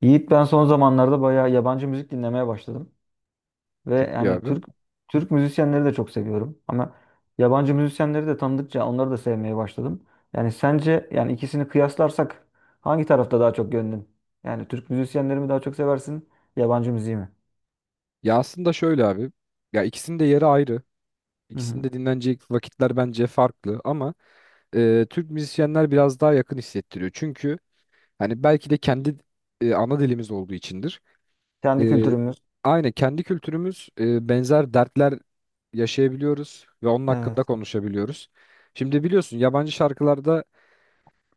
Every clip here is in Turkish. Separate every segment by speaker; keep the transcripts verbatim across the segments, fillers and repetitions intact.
Speaker 1: Yiğit ben son zamanlarda bayağı yabancı müzik dinlemeye başladım. Ve
Speaker 2: Çok iyi
Speaker 1: yani
Speaker 2: abi.
Speaker 1: Türk Türk müzisyenleri de çok seviyorum. Ama yabancı müzisyenleri de tanıdıkça onları da sevmeye başladım. Yani sence yani ikisini kıyaslarsak hangi tarafta daha çok gönlün? Yani Türk müzisyenleri mi daha çok seversin, yabancı müziği mi?
Speaker 2: Ya aslında şöyle abi. Ya ikisinin de yeri ayrı.
Speaker 1: Hı
Speaker 2: İkisinin
Speaker 1: hı.
Speaker 2: de dinlenecek vakitler bence farklı ama e, Türk müzisyenler biraz daha yakın hissettiriyor. Çünkü hani belki de kendi e, ana dilimiz olduğu içindir.
Speaker 1: Kendi
Speaker 2: E,
Speaker 1: kültürümüz.
Speaker 2: Aynı kendi kültürümüz e, benzer dertler yaşayabiliyoruz ve onun hakkında
Speaker 1: Evet.
Speaker 2: konuşabiliyoruz. Şimdi biliyorsun yabancı şarkılarda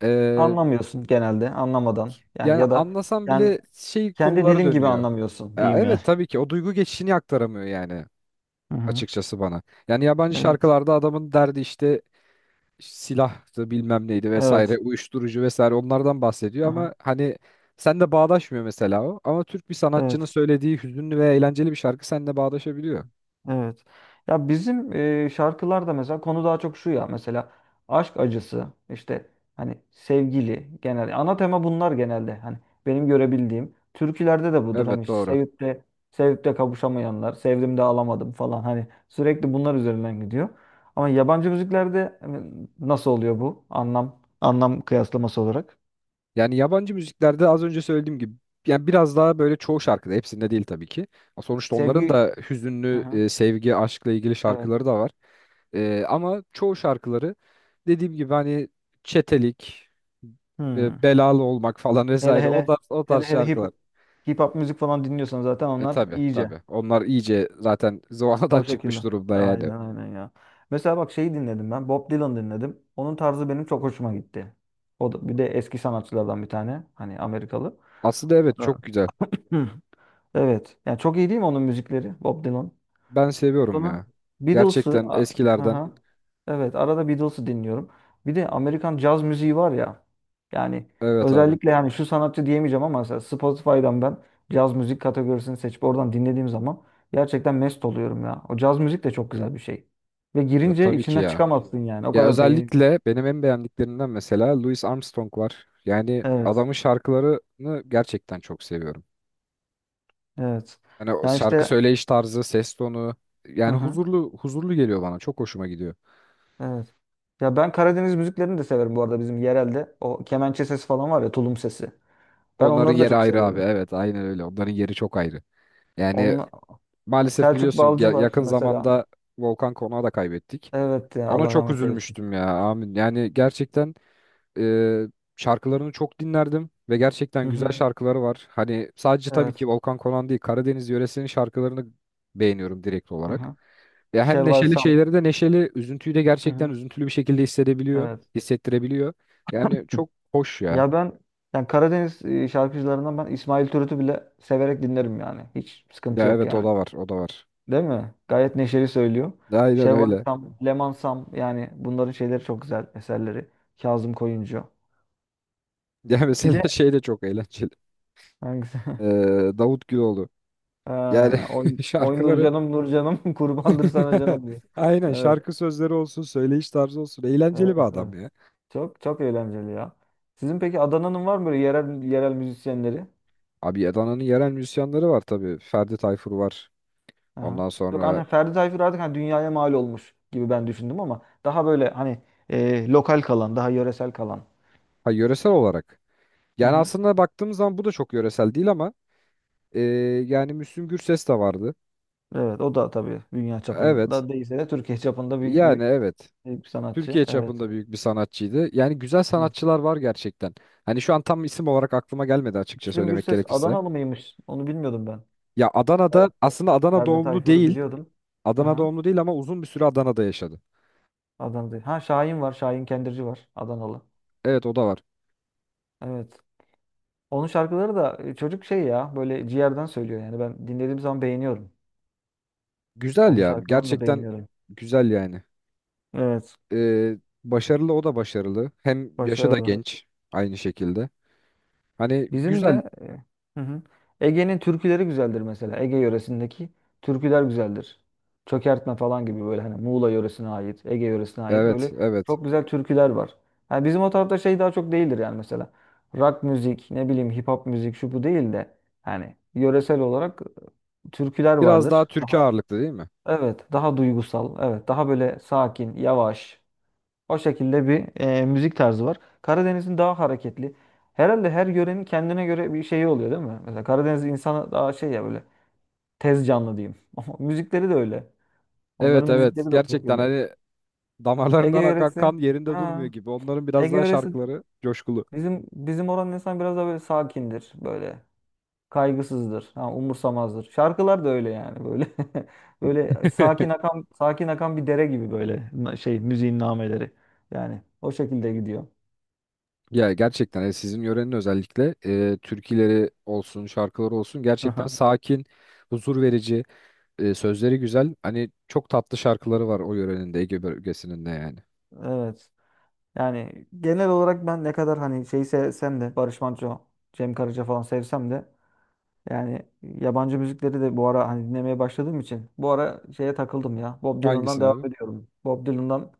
Speaker 2: e,
Speaker 1: Anlamıyorsun genelde, anlamadan. Yani
Speaker 2: yani
Speaker 1: ya da
Speaker 2: anlasan
Speaker 1: yani
Speaker 2: bile şey
Speaker 1: kendi
Speaker 2: konulara
Speaker 1: dilin gibi
Speaker 2: dönüyor.
Speaker 1: anlamıyorsun
Speaker 2: Ya
Speaker 1: diyeyim yani.
Speaker 2: evet tabii ki o duygu geçişini aktaramıyor yani
Speaker 1: Hı hı.
Speaker 2: açıkçası bana. Yani yabancı
Speaker 1: Evet.
Speaker 2: şarkılarda adamın derdi işte silahtı bilmem neydi vesaire
Speaker 1: Evet.
Speaker 2: uyuşturucu vesaire onlardan bahsediyor
Speaker 1: Aha.
Speaker 2: ama hani sen de bağdaşmıyor mesela o. Ama Türk bir sanatçının
Speaker 1: Evet.
Speaker 2: söylediği hüzünlü ve eğlenceli bir şarkı seninle bağdaşabiliyor.
Speaker 1: Evet. Ya bizim e, şarkılarda mesela konu daha çok şu ya, mesela aşk acısı işte, hani sevgili, genel ana tema bunlar genelde, hani benim görebildiğim türkülerde de budur hani,
Speaker 2: Evet
Speaker 1: işte
Speaker 2: doğru.
Speaker 1: sevip de sevip de kavuşamayanlar, sevdim de alamadım falan, hani sürekli bunlar üzerinden gidiyor. Ama yabancı müziklerde hani, nasıl oluyor bu anlam anlam kıyaslaması olarak?
Speaker 2: Yani yabancı müziklerde az önce söylediğim gibi yani biraz daha böyle çoğu şarkıda hepsinde değil tabii ki. Sonuçta onların
Speaker 1: Sevgi.
Speaker 2: da
Speaker 1: Hı
Speaker 2: hüzünlü
Speaker 1: hı.
Speaker 2: e, sevgi, aşkla ilgili
Speaker 1: Evet.
Speaker 2: şarkıları da var. Ee, ama çoğu şarkıları dediğim gibi hani çetelik, e,
Speaker 1: Hmm.
Speaker 2: belalı olmak falan
Speaker 1: Hele
Speaker 2: vesaire o
Speaker 1: hele
Speaker 2: tarz, o
Speaker 1: hele
Speaker 2: tarz
Speaker 1: hele hip
Speaker 2: şarkılar.
Speaker 1: hip hop müzik falan dinliyorsan zaten
Speaker 2: E
Speaker 1: onlar
Speaker 2: tabi
Speaker 1: iyice.
Speaker 2: tabi onlar iyice zaten zıvanadan
Speaker 1: O şekilde.
Speaker 2: çıkmış durumda
Speaker 1: Aynen
Speaker 2: yani.
Speaker 1: aynen ya. Mesela bak şeyi dinledim ben. Bob Dylan dinledim. Onun tarzı benim çok hoşuma gitti. O da bir de eski sanatçılardan bir tane. Hani Amerikalı.
Speaker 2: Aslında evet
Speaker 1: Evet.
Speaker 2: çok güzel.
Speaker 1: Hı. Evet. Yani çok iyi değil mi onun müzikleri? Bob Dylan.
Speaker 2: Ben seviyorum
Speaker 1: Sonra
Speaker 2: ya.
Speaker 1: Beatles'ı
Speaker 2: Gerçekten
Speaker 1: a- hı
Speaker 2: eskilerden.
Speaker 1: hı, evet, arada Beatles'ı dinliyorum. Bir de Amerikan caz müziği var ya. Yani
Speaker 2: Evet abi.
Speaker 1: özellikle yani şu sanatçı diyemeyeceğim ama mesela Spotify'dan ben caz müzik kategorisini seçip oradan dinlediğim zaman gerçekten mest oluyorum ya. O caz müzik de çok güzel bir şey. Ve
Speaker 2: Ya
Speaker 1: girince
Speaker 2: tabii ki
Speaker 1: içinden
Speaker 2: ya.
Speaker 1: çıkamazsın yani. O
Speaker 2: Ya
Speaker 1: kadar beğeni.
Speaker 2: özellikle benim en beğendiklerimden mesela Louis Armstrong var. Yani
Speaker 1: Evet.
Speaker 2: adamın şarkılarını gerçekten çok seviyorum.
Speaker 1: Evet.
Speaker 2: Hani o
Speaker 1: Yani
Speaker 2: şarkı
Speaker 1: işte,
Speaker 2: söyleyiş tarzı, ses tonu
Speaker 1: hı
Speaker 2: yani
Speaker 1: hı.
Speaker 2: huzurlu huzurlu geliyor bana. Çok hoşuma gidiyor.
Speaker 1: Evet. Ya ben Karadeniz müziklerini de severim bu arada, bizim yerelde. O kemençe sesi falan var ya, tulum sesi. Ben
Speaker 2: Onların
Speaker 1: onları da
Speaker 2: yeri
Speaker 1: çok
Speaker 2: ayrı abi.
Speaker 1: seviyorum.
Speaker 2: Evet, aynen öyle. Onların yeri çok ayrı. Yani maalesef
Speaker 1: Selçuk
Speaker 2: biliyorsun
Speaker 1: Balcı
Speaker 2: ya-
Speaker 1: var
Speaker 2: yakın
Speaker 1: mesela.
Speaker 2: zamanda Volkan Konak'ı da kaybettik.
Speaker 1: Evet ya,
Speaker 2: Ona
Speaker 1: Allah
Speaker 2: çok
Speaker 1: rahmet eylesin.
Speaker 2: üzülmüştüm ya. Amin. Yani gerçekten e, şarkılarını çok dinlerdim ve
Speaker 1: Hı
Speaker 2: gerçekten güzel
Speaker 1: hı.
Speaker 2: şarkıları var. Hani sadece tabii
Speaker 1: Evet.
Speaker 2: ki Volkan Konak değil, Karadeniz yöresinin şarkılarını beğeniyorum direkt
Speaker 1: Hı
Speaker 2: olarak.
Speaker 1: hı.
Speaker 2: Ya hem
Speaker 1: Şevval
Speaker 2: neşeli
Speaker 1: Sam.
Speaker 2: şeyleri de neşeli, üzüntüyü de
Speaker 1: Hı
Speaker 2: gerçekten
Speaker 1: hı.
Speaker 2: üzüntülü bir şekilde hissedebiliyor,
Speaker 1: Evet.
Speaker 2: hissettirebiliyor. Yani çok hoş ya.
Speaker 1: Ya ben yani Karadeniz e, şarkıcılarından ben İsmail Türüt'ü bile severek dinlerim yani. Hiç sıkıntı
Speaker 2: Ya
Speaker 1: yok
Speaker 2: evet o
Speaker 1: yani.
Speaker 2: da var, o da var.
Speaker 1: Değil mi? Gayet neşeli söylüyor.
Speaker 2: Aynen
Speaker 1: Şevval
Speaker 2: öyle.
Speaker 1: Sam, Leman Sam, yani bunların şeyleri çok güzel eserleri. Kazım Koyuncu.
Speaker 2: Ya
Speaker 1: Bir de
Speaker 2: mesela şey de çok eğlenceli.
Speaker 1: hangisi?
Speaker 2: Ee, Davut Güloğlu. Yani
Speaker 1: Ha, oy, oy
Speaker 2: şarkıları
Speaker 1: Nurcanım Nurcanım, kurbandır sana canım diyor.
Speaker 2: aynen
Speaker 1: Evet.
Speaker 2: şarkı sözleri olsun, söyleyiş tarzı olsun. Eğlenceli
Speaker 1: Evet.
Speaker 2: bir adam
Speaker 1: Evet.
Speaker 2: ya.
Speaker 1: Çok çok eğlenceli ya. Sizin peki Adana'nın var mı böyle yerel yerel müzisyenleri?
Speaker 2: Abi Adana'nın yerel müzisyenleri var tabii. Ferdi Tayfur var.
Speaker 1: Aha.
Speaker 2: Ondan
Speaker 1: Yok
Speaker 2: sonra
Speaker 1: hani, Ferdi Tayfur artık hani dünyaya mal olmuş gibi ben düşündüm, ama daha böyle hani e, lokal kalan, daha yöresel kalan.
Speaker 2: ha, yöresel olarak.
Speaker 1: Hı
Speaker 2: Yani
Speaker 1: hı.
Speaker 2: aslında baktığımız zaman bu da çok yöresel değil ama Ee, yani Müslüm Gürses de vardı.
Speaker 1: Evet, o da tabii dünya
Speaker 2: Evet.
Speaker 1: çapında değilse de Türkiye çapında büyük
Speaker 2: Yani
Speaker 1: bir,
Speaker 2: evet.
Speaker 1: büyük bir sanatçı.
Speaker 2: Türkiye
Speaker 1: Evet.
Speaker 2: çapında büyük bir sanatçıydı. Yani güzel
Speaker 1: Evet.
Speaker 2: sanatçılar var gerçekten. Hani şu an tam isim olarak aklıma gelmedi açıkça
Speaker 1: Müslüm
Speaker 2: söylemek
Speaker 1: Gürses
Speaker 2: gerekirse.
Speaker 1: Adanalı mıymış? Onu bilmiyordum ben.
Speaker 2: Ya
Speaker 1: Fer-
Speaker 2: Adana'da aslında Adana
Speaker 1: Ferdi
Speaker 2: doğumlu
Speaker 1: Tayfur'u
Speaker 2: değil.
Speaker 1: biliyordum.
Speaker 2: Adana
Speaker 1: Aha.
Speaker 2: doğumlu değil ama uzun bir süre Adana'da yaşadı.
Speaker 1: Adana'da. Ha, Şahin var. Şahin Kendirci var. Adanalı.
Speaker 2: Evet o da var.
Speaker 1: Evet. Onun şarkıları da e, çocuk şey ya, böyle ciğerden söylüyor yani, ben dinlediğim zaman beğeniyorum.
Speaker 2: Güzel
Speaker 1: Onun
Speaker 2: ya.
Speaker 1: şarkılarını da
Speaker 2: Gerçekten
Speaker 1: beğeniyorum.
Speaker 2: güzel yani.
Speaker 1: Evet,
Speaker 2: Ee, Başarılı o da başarılı. Hem yaşı da
Speaker 1: başarılı.
Speaker 2: genç aynı şekilde. Hani
Speaker 1: Bizim
Speaker 2: güzel.
Speaker 1: de, hı hı, Ege'nin türküleri güzeldir mesela. Ege yöresindeki türküler güzeldir. Çökertme falan gibi, böyle hani Muğla yöresine ait, Ege yöresine ait
Speaker 2: Evet
Speaker 1: böyle
Speaker 2: evet.
Speaker 1: çok güzel türküler var. Yani bizim o tarafta şey daha çok değildir yani mesela. Rock müzik, ne bileyim, hip hop müzik şu bu değil de hani yöresel olarak e, türküler
Speaker 2: Biraz daha
Speaker 1: vardır.
Speaker 2: Türkiye ağırlıklı değil mi?
Speaker 1: Evet, daha duygusal, evet, daha böyle sakin, yavaş. O şekilde bir e, müzik tarzı var. Karadeniz'in daha hareketli. Herhalde her yörenin kendine göre bir şeyi oluyor değil mi? Mesela Karadeniz insanı daha şey ya, böyle tez canlı diyeyim. Ama müzikleri de öyle.
Speaker 2: Evet
Speaker 1: Onların
Speaker 2: evet
Speaker 1: müzikleri de o
Speaker 2: gerçekten
Speaker 1: şekilde.
Speaker 2: hani
Speaker 1: Ege
Speaker 2: damarlarından akan
Speaker 1: yöresi,
Speaker 2: kan yerinde
Speaker 1: ha,
Speaker 2: durmuyor gibi. Onların biraz
Speaker 1: Ege
Speaker 2: daha
Speaker 1: yöresi,
Speaker 2: şarkıları coşkulu.
Speaker 1: bizim bizim oranın insan biraz daha böyle sakindir, böyle. Kaygısızdır. Ha, umursamazdır. Şarkılar da öyle yani, böyle. Böyle sakin akan, sakin akan bir dere gibi böyle, na- şey, müziğin nameleri. Yani o şekilde gidiyor.
Speaker 2: Ya gerçekten e, sizin yörenin özellikle e, türküleri olsun, şarkıları olsun gerçekten
Speaker 1: Aha.
Speaker 2: sakin, huzur verici, e, sözleri güzel. Hani çok tatlı şarkıları var o yörenin de Ege bölgesinin de yani.
Speaker 1: Evet. Yani genel olarak ben ne kadar hani şeyi sevsem de, Barış Manço, Cem Karaca falan sevsem de, yani yabancı müzikleri de bu ara hani dinlemeye başladığım için, bu ara şeye takıldım ya. Bob Dylan'dan
Speaker 2: Hangisini
Speaker 1: devam
Speaker 2: abi?
Speaker 1: ediyorum. Bob Dylan'dan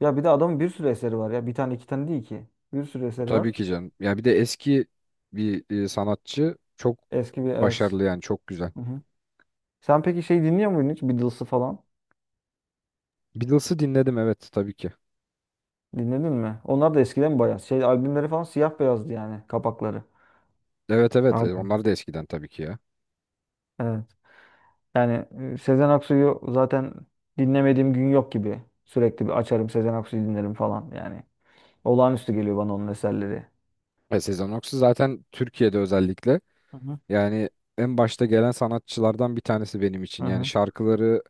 Speaker 1: ya bir de adamın bir sürü eseri var ya. Bir tane iki tane değil ki. Bir sürü eseri
Speaker 2: Tabii
Speaker 1: var.
Speaker 2: ki canım. Ya bir de eski bir e, sanatçı çok
Speaker 1: Eski bir, evet.
Speaker 2: başarılı yani çok güzel.
Speaker 1: Hı hı. Sen peki şey dinliyor muydun hiç? Beatles'ı falan.
Speaker 2: Beatles'ı dinledim evet tabii ki.
Speaker 1: Dinledin mi? Onlar da eskiden bayağı. Şey, albümleri falan siyah beyazdı yani, kapakları.
Speaker 2: Evet evet e,
Speaker 1: Abi.
Speaker 2: onlar da eskiden tabii ki ya.
Speaker 1: Evet. Yani e, Sezen Aksu'yu zaten dinlemediğim gün yok gibi. Sürekli bir açarım, Sezen Aksu'yu dinlerim falan yani. Olağanüstü geliyor bana onun eserleri.
Speaker 2: Ve Sezen Aksu zaten Türkiye'de özellikle
Speaker 1: Hı hı.
Speaker 2: yani en başta gelen sanatçılardan bir tanesi benim
Speaker 1: Hı
Speaker 2: için. Yani
Speaker 1: hı.
Speaker 2: şarkıları,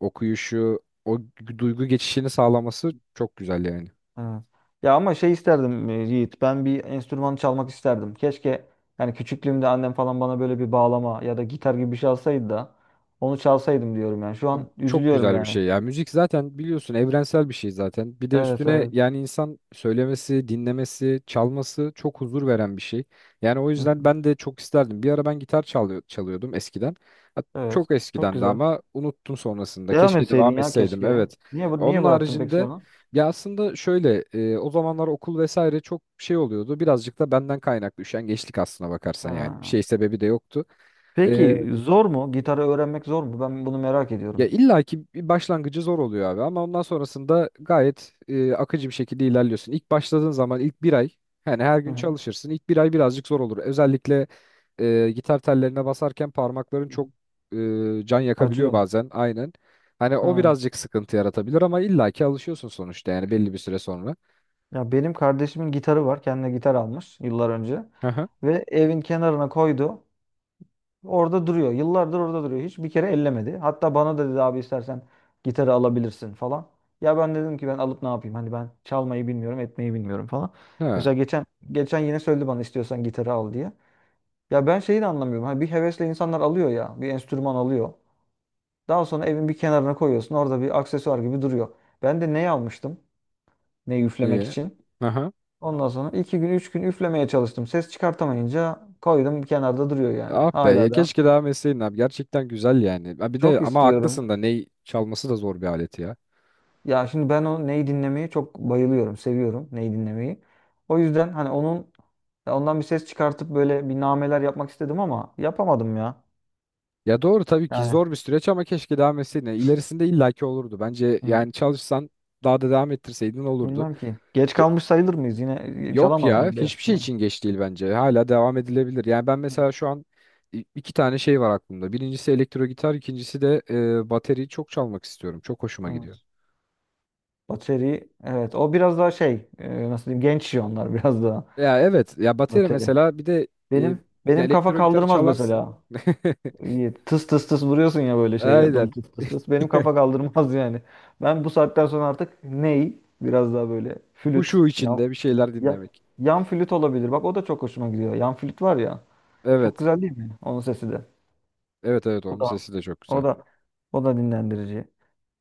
Speaker 2: okuyuşu, o duygu geçişini sağlaması çok güzel yani.
Speaker 1: Evet. Ya ama şey isterdim e, Yiğit. Ben bir enstrüman çalmak isterdim. Keşke yani küçüklüğümde annem falan bana böyle bir bağlama ya da gitar gibi bir şey alsaydı da onu çalsaydım diyorum yani. Şu
Speaker 2: Abi
Speaker 1: an
Speaker 2: çok
Speaker 1: üzülüyorum
Speaker 2: güzel bir
Speaker 1: yani.
Speaker 2: şey ya. Müzik zaten biliyorsun evrensel bir şey zaten. Bir de
Speaker 1: Evet,
Speaker 2: üstüne
Speaker 1: evet.
Speaker 2: yani insan söylemesi, dinlemesi, çalması çok huzur veren bir şey. Yani o
Speaker 1: Hı
Speaker 2: yüzden
Speaker 1: hı.
Speaker 2: ben de çok isterdim. Bir ara ben gitar çalıyor, çalıyordum eskiden. Ha,
Speaker 1: Evet.
Speaker 2: çok
Speaker 1: Çok
Speaker 2: eskiden de
Speaker 1: güzel.
Speaker 2: ama unuttum sonrasında.
Speaker 1: Devam
Speaker 2: Keşke
Speaker 1: etseydin
Speaker 2: devam
Speaker 1: ya,
Speaker 2: etseydim.
Speaker 1: keşke.
Speaker 2: Evet.
Speaker 1: Niye bu-
Speaker 2: Onun
Speaker 1: niye bıraktın peki
Speaker 2: haricinde
Speaker 1: sonra?
Speaker 2: ya aslında şöyle e, o zamanlar okul vesaire çok şey oluyordu. Birazcık da benden kaynaklı üşengeçlik aslına bakarsan yani.
Speaker 1: Ha.
Speaker 2: Şey sebebi de yoktu. E,
Speaker 1: Peki zor mu? Gitarı öğrenmek zor mu? Ben bunu merak
Speaker 2: Ya
Speaker 1: ediyorum.
Speaker 2: illaki bir başlangıcı zor oluyor abi ama ondan sonrasında gayet e, akıcı bir şekilde ilerliyorsun. İlk başladığın zaman ilk bir ay yani her
Speaker 1: Hı
Speaker 2: gün
Speaker 1: hı.
Speaker 2: çalışırsın. İlk bir ay birazcık zor olur. Özellikle e, gitar tellerine basarken parmakların
Speaker 1: Hı
Speaker 2: çok
Speaker 1: hı.
Speaker 2: e, can yakabiliyor
Speaker 1: Acıyor.
Speaker 2: bazen aynen. Hani o
Speaker 1: Ha.
Speaker 2: birazcık sıkıntı yaratabilir ama illa ki alışıyorsun sonuçta yani belli bir süre sonra.
Speaker 1: Ya benim kardeşimin gitarı var. Kendine gitar almış yıllar önce
Speaker 2: Hı hı.
Speaker 1: ve evin kenarına koydu. Orada duruyor. Yıllardır orada duruyor. Hiç bir kere ellemedi. Hatta bana da dedi, abi istersen gitarı alabilirsin falan. Ya ben dedim ki ben alıp ne yapayım? Hani ben çalmayı bilmiyorum, etmeyi bilmiyorum falan.
Speaker 2: Ha,
Speaker 1: Mesela geçen geçen yine söyledi bana, istiyorsan gitarı al diye. Ya ben şeyi de anlamıyorum. Hani bir hevesle insanlar alıyor ya, bir enstrüman alıyor. Daha sonra evin bir kenarına koyuyorsun. Orada bir aksesuar gibi duruyor. Ben de ne almıştım? Ne, üflemek
Speaker 2: iyi.
Speaker 1: için?
Speaker 2: Aha. Hı.
Speaker 1: Ondan sonra iki gün, üç gün üflemeye çalıştım. Ses çıkartamayınca koydum, kenarda duruyor yani.
Speaker 2: Ah be ya
Speaker 1: Hala da
Speaker 2: keşke devam etseydin abi gerçekten güzel yani. Ha, bir de
Speaker 1: çok
Speaker 2: ama
Speaker 1: istiyorum.
Speaker 2: haklısın da ney çalması da zor bir alet ya.
Speaker 1: Ya şimdi ben o neyi dinlemeyi çok bayılıyorum, seviyorum neyi dinlemeyi. O yüzden hani onun, ya ondan bir ses çıkartıp böyle bir nameler yapmak istedim ama yapamadım ya.
Speaker 2: Ya doğru tabii ki
Speaker 1: Yani
Speaker 2: zor bir süreç ama keşke devam etseydin. Yani İlerisinde illaki olurdu. Bence
Speaker 1: hı,
Speaker 2: yani çalışsan daha da devam ettirseydin olurdu.
Speaker 1: bilmem ki. Geç
Speaker 2: Ya-
Speaker 1: kalmış sayılır mıyız? Yine e,
Speaker 2: Yok
Speaker 1: çalamaz
Speaker 2: ya
Speaker 1: mıyım biraz?
Speaker 2: hiçbir
Speaker 1: Hı.
Speaker 2: şey için geç değil bence. Hala devam edilebilir. Yani ben mesela şu an i- iki tane şey var aklımda. Birincisi elektro gitar, ikincisi de e, bateriyi çok çalmak istiyorum. Çok hoşuma gidiyor.
Speaker 1: Evet. Bateri, evet, o biraz daha şey e, nasıl diyeyim, genç onlar biraz daha
Speaker 2: Ya evet ya bateri
Speaker 1: bateri.
Speaker 2: mesela bir de e,
Speaker 1: Benim
Speaker 2: ya
Speaker 1: benim kafa
Speaker 2: elektro gitarı
Speaker 1: kaldırmaz
Speaker 2: çalarsın.
Speaker 1: mesela. İyi, tıs tıs tıs vuruyorsun ya böyle şeye. Dum
Speaker 2: Aynen.
Speaker 1: tıs tıs tıs. Benim kafa kaldırmaz yani. Ben bu saatten sonra artık ney? Biraz daha böyle flüt.
Speaker 2: Huşu
Speaker 1: Yan,
Speaker 2: içinde bir şeyler
Speaker 1: ya,
Speaker 2: dinlemek.
Speaker 1: yan flüt olabilir. Bak o da çok hoşuma gidiyor. Yan flüt var ya. Çok
Speaker 2: Evet.
Speaker 1: güzel değil mi? Onun sesi de.
Speaker 2: Evet evet
Speaker 1: O
Speaker 2: onun
Speaker 1: da
Speaker 2: sesi de çok güzel.
Speaker 1: o da o da dinlendirici.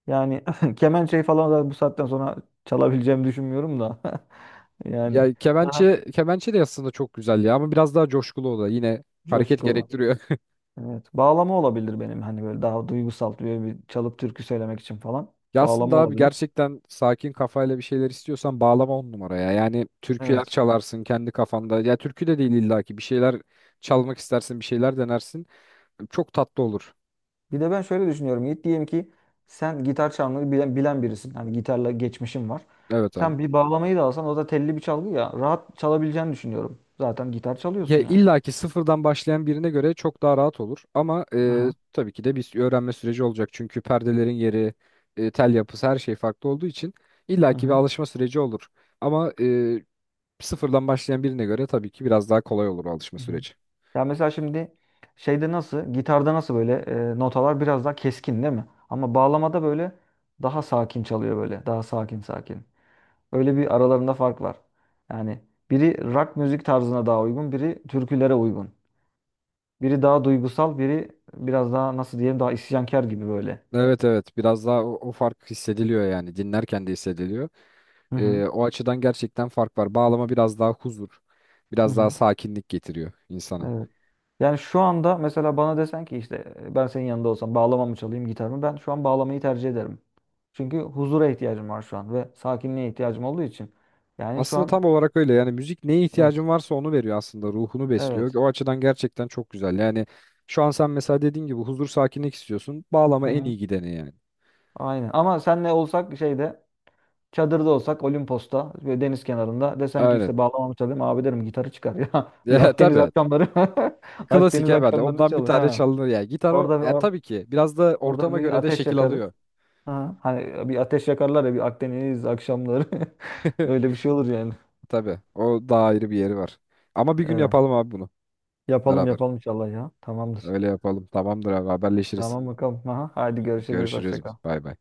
Speaker 1: Yani kemençeyi falan da bu saatten sonra çalabileceğimi düşünmüyorum da. Yani
Speaker 2: Ya
Speaker 1: daha
Speaker 2: kemençe kemençe de aslında çok güzel ya ama biraz daha coşkulu o da yine hareket
Speaker 1: coşkulu.
Speaker 2: gerektiriyor.
Speaker 1: Evet. Bağlama olabilir benim hani, böyle daha duygusal böyle bir çalıp türkü söylemek için falan.
Speaker 2: Ya aslında
Speaker 1: Bağlama
Speaker 2: abi
Speaker 1: olabilir.
Speaker 2: gerçekten sakin kafayla bir şeyler istiyorsan bağlama on numaraya. Yani türküler
Speaker 1: Evet.
Speaker 2: çalarsın kendi kafanda. Ya türkü de değil illaki bir şeyler çalmak istersin, bir şeyler denersin. Çok tatlı olur.
Speaker 1: Bir de ben şöyle düşünüyorum Yiğit. Diyelim ki sen gitar çalmayı bilen, bilen birisin. Hani gitarla geçmişin var.
Speaker 2: Evet abi.
Speaker 1: Sen bir bağlamayı da alsan o da telli bir çalgı ya. Rahat çalabileceğini düşünüyorum. Zaten gitar
Speaker 2: Ya
Speaker 1: çalıyorsun yani.
Speaker 2: illaki sıfırdan başlayan birine göre çok daha rahat olur ama e,
Speaker 1: Aha.
Speaker 2: tabii ki de bir öğrenme süreci olacak. Çünkü perdelerin yeri, e, tel yapısı her şey farklı olduğu için
Speaker 1: Hı
Speaker 2: illaki bir
Speaker 1: hı.
Speaker 2: alışma süreci olur. Ama e, sıfırdan başlayan birine göre tabii ki biraz daha kolay olur o alışma
Speaker 1: Hı hı.
Speaker 2: süreci.
Speaker 1: Ya mesela şimdi şeyde nasıl, gitarda nasıl böyle e, notalar biraz daha keskin değil mi? Ama bağlamada böyle daha sakin çalıyor, böyle. Daha sakin sakin. Öyle, bir aralarında fark var. Yani biri rock müzik tarzına daha uygun, biri türkülere uygun. Biri daha duygusal, biri biraz daha nasıl diyeyim, daha isyankar gibi böyle.
Speaker 2: Evet evet biraz daha o, o fark hissediliyor yani dinlerken de hissediliyor.
Speaker 1: Hı hı.
Speaker 2: Ee, o açıdan gerçekten fark var. Bağlama biraz daha huzur,
Speaker 1: Hı
Speaker 2: biraz daha
Speaker 1: hı.
Speaker 2: sakinlik getiriyor insana.
Speaker 1: Evet. Yani şu anda mesela bana desen ki işte e, ben senin yanında olsam bağlama mı çalayım gitar mı? Ben şu an bağlamayı tercih ederim. Çünkü huzura ihtiyacım var şu an ve sakinliğe ihtiyacım olduğu için. Yani şu
Speaker 2: Aslında
Speaker 1: an,
Speaker 2: tam olarak öyle yani müzik neye
Speaker 1: evet.
Speaker 2: ihtiyacın varsa onu veriyor aslında ruhunu besliyor.
Speaker 1: Evet.
Speaker 2: O açıdan gerçekten çok güzel. Yani şu an sen mesela dediğin gibi huzur sakinlik istiyorsun.
Speaker 1: Hı
Speaker 2: Bağlama en
Speaker 1: hı.
Speaker 2: iyi gideni yani.
Speaker 1: Aynen. Ama senle olsak şeyde, çadırda olsak Olimpos'ta ve deniz kenarında, desen ki
Speaker 2: Aynen.
Speaker 1: işte bağlamamı çalayım, abi derim gitarı çıkar ya. Bir
Speaker 2: Ya,
Speaker 1: Akdeniz
Speaker 2: tabii
Speaker 1: akşamları.
Speaker 2: klasik
Speaker 1: Akdeniz
Speaker 2: evet.
Speaker 1: akşamlarını
Speaker 2: Ondan bir
Speaker 1: çalın.
Speaker 2: tane
Speaker 1: Ha.
Speaker 2: çalınır yani. Gitar o
Speaker 1: Orada bir
Speaker 2: yani
Speaker 1: or
Speaker 2: tabii ki biraz da
Speaker 1: Orada
Speaker 2: ortama
Speaker 1: bir
Speaker 2: göre de
Speaker 1: ateş
Speaker 2: şekil
Speaker 1: yakarız.
Speaker 2: alıyor.
Speaker 1: Ha, hani bir ateş yakarlar ya, bir Akdeniz akşamları. Öyle bir şey olur yani.
Speaker 2: Tabii. O daha ayrı bir yeri var. Ama bir gün
Speaker 1: Evet.
Speaker 2: yapalım abi bunu
Speaker 1: Yapalım
Speaker 2: beraber.
Speaker 1: yapalım inşallah ya. Tamamdır.
Speaker 2: Öyle yapalım. Tamamdır abi haberleşiriz.
Speaker 1: Tamam bakalım. Aha, hadi görüşürüz. Hoşça
Speaker 2: Görüşürüz.
Speaker 1: kal.
Speaker 2: Bay bay.